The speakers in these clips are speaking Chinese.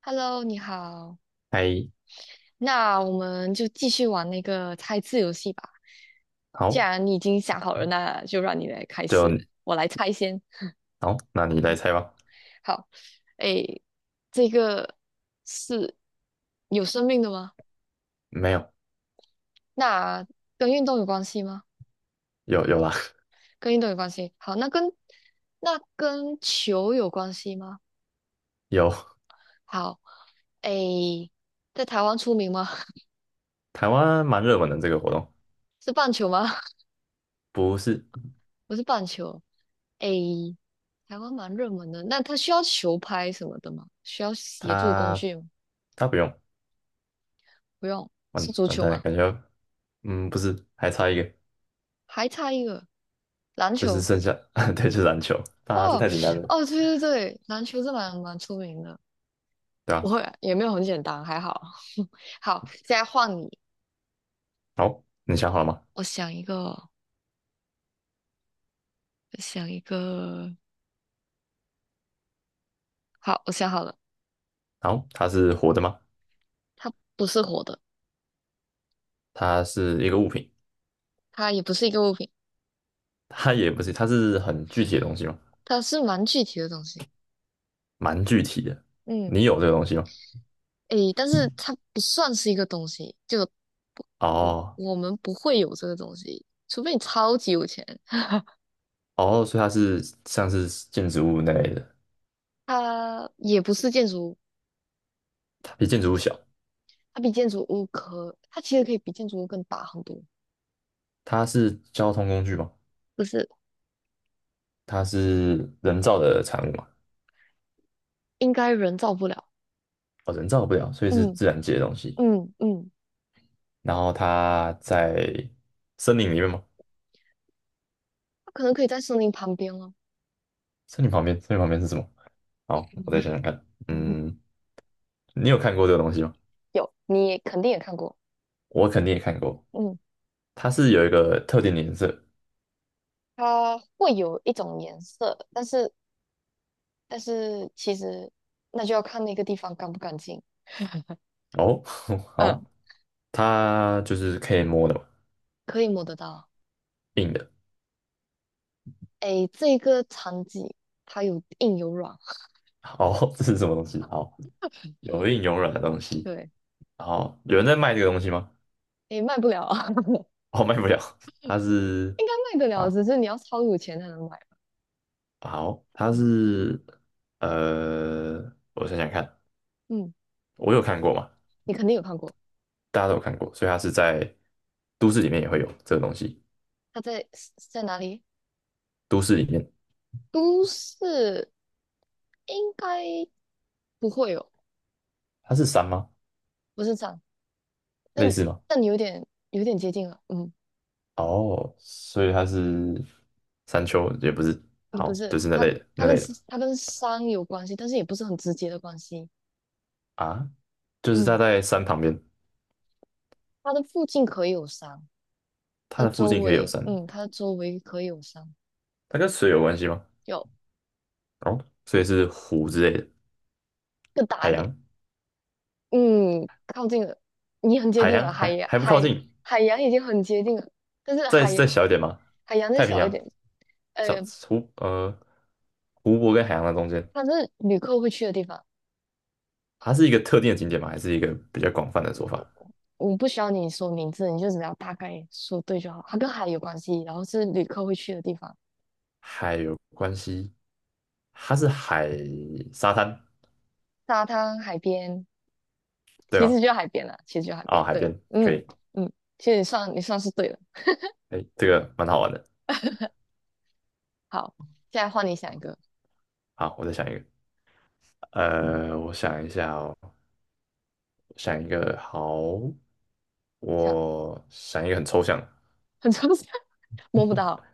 Hello，你好。猜，那我们就继续玩那个猜字游戏吧。既好，然你已经想好了，那就让你来开就始，我来猜先。好，那你来猜吧。好，诶，这个是有生命的吗？没有，那跟运动有关系吗？有啦，跟运动有关系。好，那跟球有关系吗？有。好，诶，在台湾出名吗？台湾蛮热门的这个活动，是棒球吗？不是不是棒球。A，台湾蛮热门的，那它需要球拍什么的吗？需要协助工他具吗？他不用，不用，是完足完球蛋了，吗？感觉，嗯，不是，还差一个，还差一个篮就是球。剩下，对，就是篮球，啊，这哦太简单了，哦，对对对，篮球是蛮出名的，对不吧？会也没有很简单，还好。好，现在换你，好，你想好了吗？我想一个，我想一个。好，我想好了，好，它是活的吗？它不是活的，它是一个物品，它也不是一个物品，它也不是，它是很具体的东西吗？它是蛮具体的东西。蛮具体的，嗯，你有这个东西吗？诶，但是它不算是一个东西，就我哦我们不会有这个东西，除非你超级有钱。哦，所以它是像是建筑物那类的，它也不是建筑，物，它比建筑物小。它比建筑物可，它其实可以比建筑物更大很多，它是交通工具嘛，就是它是人造的产物嘛，应该人造不了。哦，人造不了，所以是嗯自然界的东西。嗯，然后它在森林里面吗？它可能可以在森林旁边了。森林旁边，森林旁边是什么？好，我再 想想看。嗯嗯嗯，你有看过这个东西吗？有，你也肯定也看过。我肯定也看过，嗯，它是有一个特定的颜色。它会有一种颜色，但是但是其实那就要看那个地方干不干净。哦，好，嗯，它就是可以摸的嘛，可以摸得到。硬的。诶，这个场景它有硬有软，哦，这是什么东西？好，有硬有软的东 西。对。好，有人在卖这个东西吗？也卖不了啊，哦，卖不了，它是。应该卖得了，啊。只是你要超有钱才能买吧。好，它嗯是呃，我想想看，嗯，我有看过嘛，你肯定有看过，大家都有看过，所以它是在都市里面也会有这个东西。它在哪里？都市里面，都市应该不会有，它是山吗？不是这样，类但似吗？但有点接近了。嗯，哦，所以它是山丘，也不是，你不好，是就是那它，类的它那跟类的吧，它跟山有关系，但是也不是很直接的关系。啊，就是它嗯，在山旁边，它的附近可以有山，它它的的附周近可以有围，山，嗯，它的周围可以有山，它跟水有关系吗？有哦，所以是湖之类的，更大海一点。洋，嗯，靠近了，你很接海近洋了，还还不靠近，海洋已经很接近了，但是再再小一点吗？海洋再太平小一洋，点，小呃，湖呃湖泊跟海洋的中间，它是旅客会去的地方，它是一个特定的景点吗？还是一个比较广泛的说法？我不需要你说名字，你就只要大概说对就好。它跟海有关系，然后是旅客会去的地方，海有关系，它是沙滩沙滩、海边，对其吗？实就海边了，其实就海啊，边。海对，边可嗯以，嗯，其实你算是对了。哎，这个蛮好玩的。好，现在换你想一个，好，我再想一个，我想一下哦，想一个好，想我想一个很抽象的，很抽象，摸不到。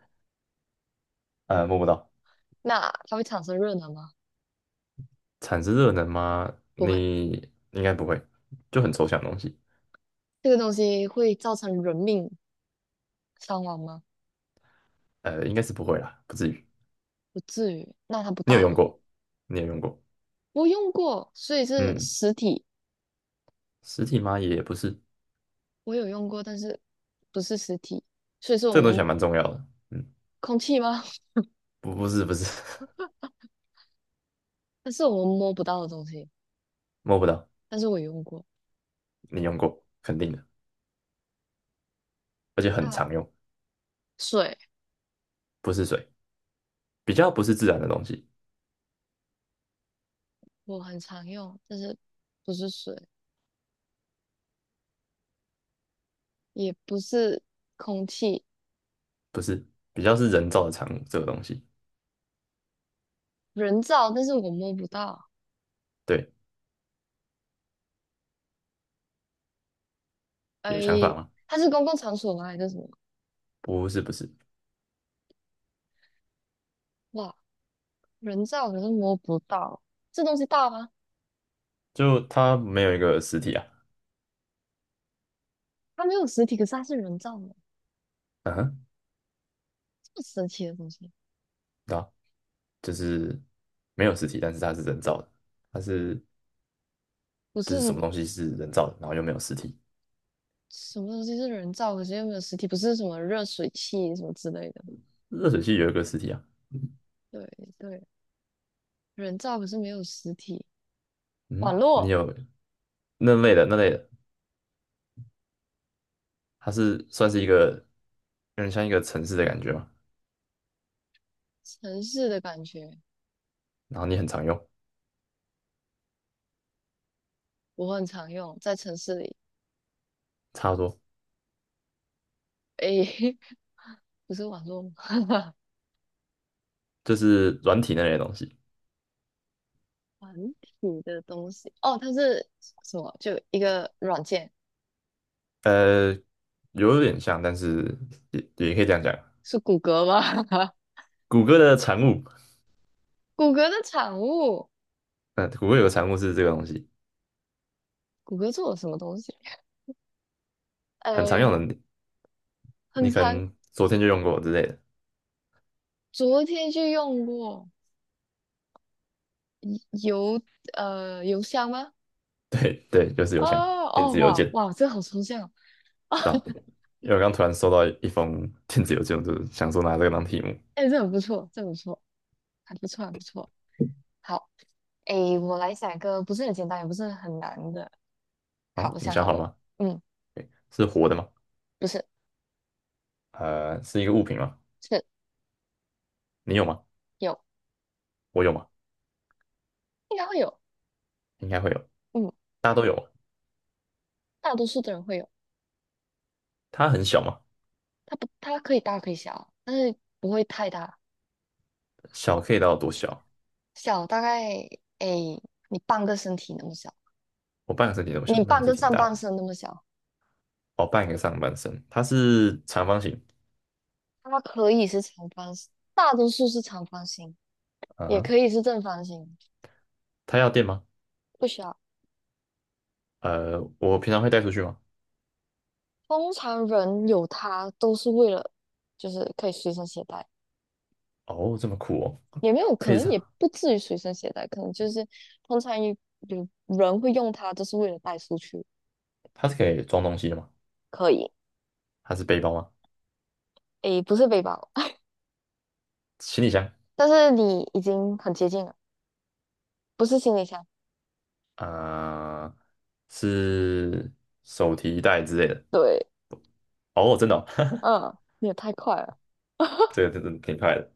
摸不到，那它会产生热能吗？产生热能吗？不会，你应该不会，就很抽象的东西。这个东西会造成人命。伤亡吗？应该是不会啦，不至于。不至于，那它不你有大用了。过？你有用过？我用过，所以是嗯，实体，实体吗？也不是，我有用过，但是不是实体，所以是这个东我西还们蛮重要的。嗯，空气吗？不，不是，不是，但是我们摸不到的东西，摸不到。但是我有用过。你用过，肯定的，而且很它常用，水不是水，比较不是自然的东西，我很常用，但是不是水，也不是空气，不是，比较是人造的产物。这个东西，人造，但是我摸不到。对，哎，有想法吗？它是公共场所吗？还是什么？不是，不是，哇，人造可是摸不到，这东西大吗？就它没有一个实体啊。它没有实体，可是它是人造的，嗯哼，这么神奇的东西。对啊，就是没有实体，但是它是人造的，它是不就是什是么东西是人造的，然后又没有实体。什么东西是人造，可是又没有实体？不是什么热水器什么之类的。热水器有一个实体啊。对对，人造可是没有实体。网嗯，你络，有那类的，它是算是一个有点像一个城市的感觉嘛，城市的感觉，然后你很常用，我很常用，在城市里。差不多诶，不是网络吗，就是软体那类的东西，团体的东西。哦，它是什么？就一个软件，呃，有点像，但是也也可以这样讲，是谷歌吗？谷歌的产物，谷歌的产物，嗯，谷歌有个产物是这个东西，谷歌做了什么东西？很常诶，用的，你很你可长，能昨天就用过之类的，昨天就用过邮邮箱吗？对对，就是哦邮箱，电哦子邮哇件，哇，这好抽象啊！到，因为 我刚突然收到一封电子邮件，我就是想说拿这个当题目，哎，这很不错，这很不错，还不错，还不错。好，哎，我来想一个不是很简单，也不是很难的。好，好，我你想想好好了了，吗？嗯，是活的吗？不是，是一个物品吗？是你有吗？有，我有吗？应该会有，应该会有，嗯，大家都有吗。大多数的人会有。它很小嘛，它不，它可以大可以小啊，但是不会太大，小可以到多小？小大概哎，你半个身体那么小，我半个身体这么小，你那半也是个挺上大半的。身那么小。哦，半个上半身，它是长方形。它可以是长方形，大多数是长方形，也啊，可以是正方形，它要电吗？不需要。我平常会带出去吗？通常人有它都是为了，就是可以随身携带，哦，这么酷哦，也没有可可以这能也样，不至于随身携带，可能就是通常有人会用它，就是为了带出去。它是可以装东西的吗？可以，它是背包吗？诶，不是背包，行李箱但是你已经很接近了，不是行李箱。啊，呃是手提袋之类的。对，哦，真的哦， 嗯，你也太快了，这个真的挺快的。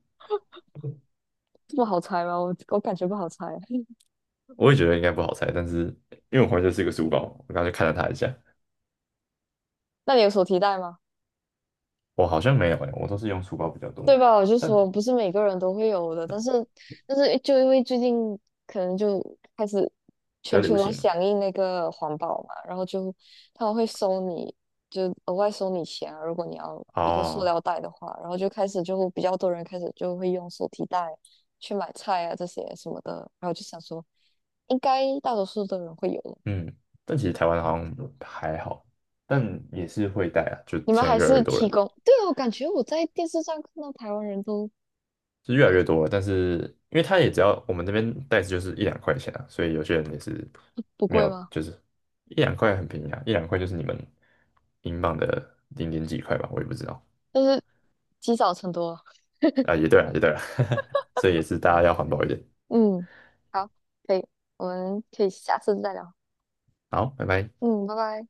这么好猜吗？我感觉不好猜。我也觉得应该不好猜，但是因为我怀这是一个书包，我刚才就看了它一下。那你有手提袋吗？我好像没有诶，我都是用书包比较多，对吧？我就但说不是每个人都会有的，但是但是就因为最近可能就开始比较全流球都行嘛。响应那个环保嘛，然后就他们会收你，就额外收你钱啊，如果你要一个塑料啊，袋的话，然后就开始就比较多人开始就会用手提袋去买菜啊这些什么的，然后就想说应该大多数的人会有的，嗯，但其实台湾好像还好，但也是会带啊，就你们现在还越来是越多提人，供，对啊，我感觉我在电视上看到台湾人都是越来还越多了。但是因为他也只要我们那边袋子就是一两块钱啊，所以有些人也是不没贵有，吗？就是一两块很便宜啊，一两块就是你们英镑的零点几块吧，我也不知道就是积少成多啊。啊，也对啊，也对啊，所以也是大家要环保一点。嗯，好，可以，我们可以下次再聊。好，拜拜。嗯，拜拜。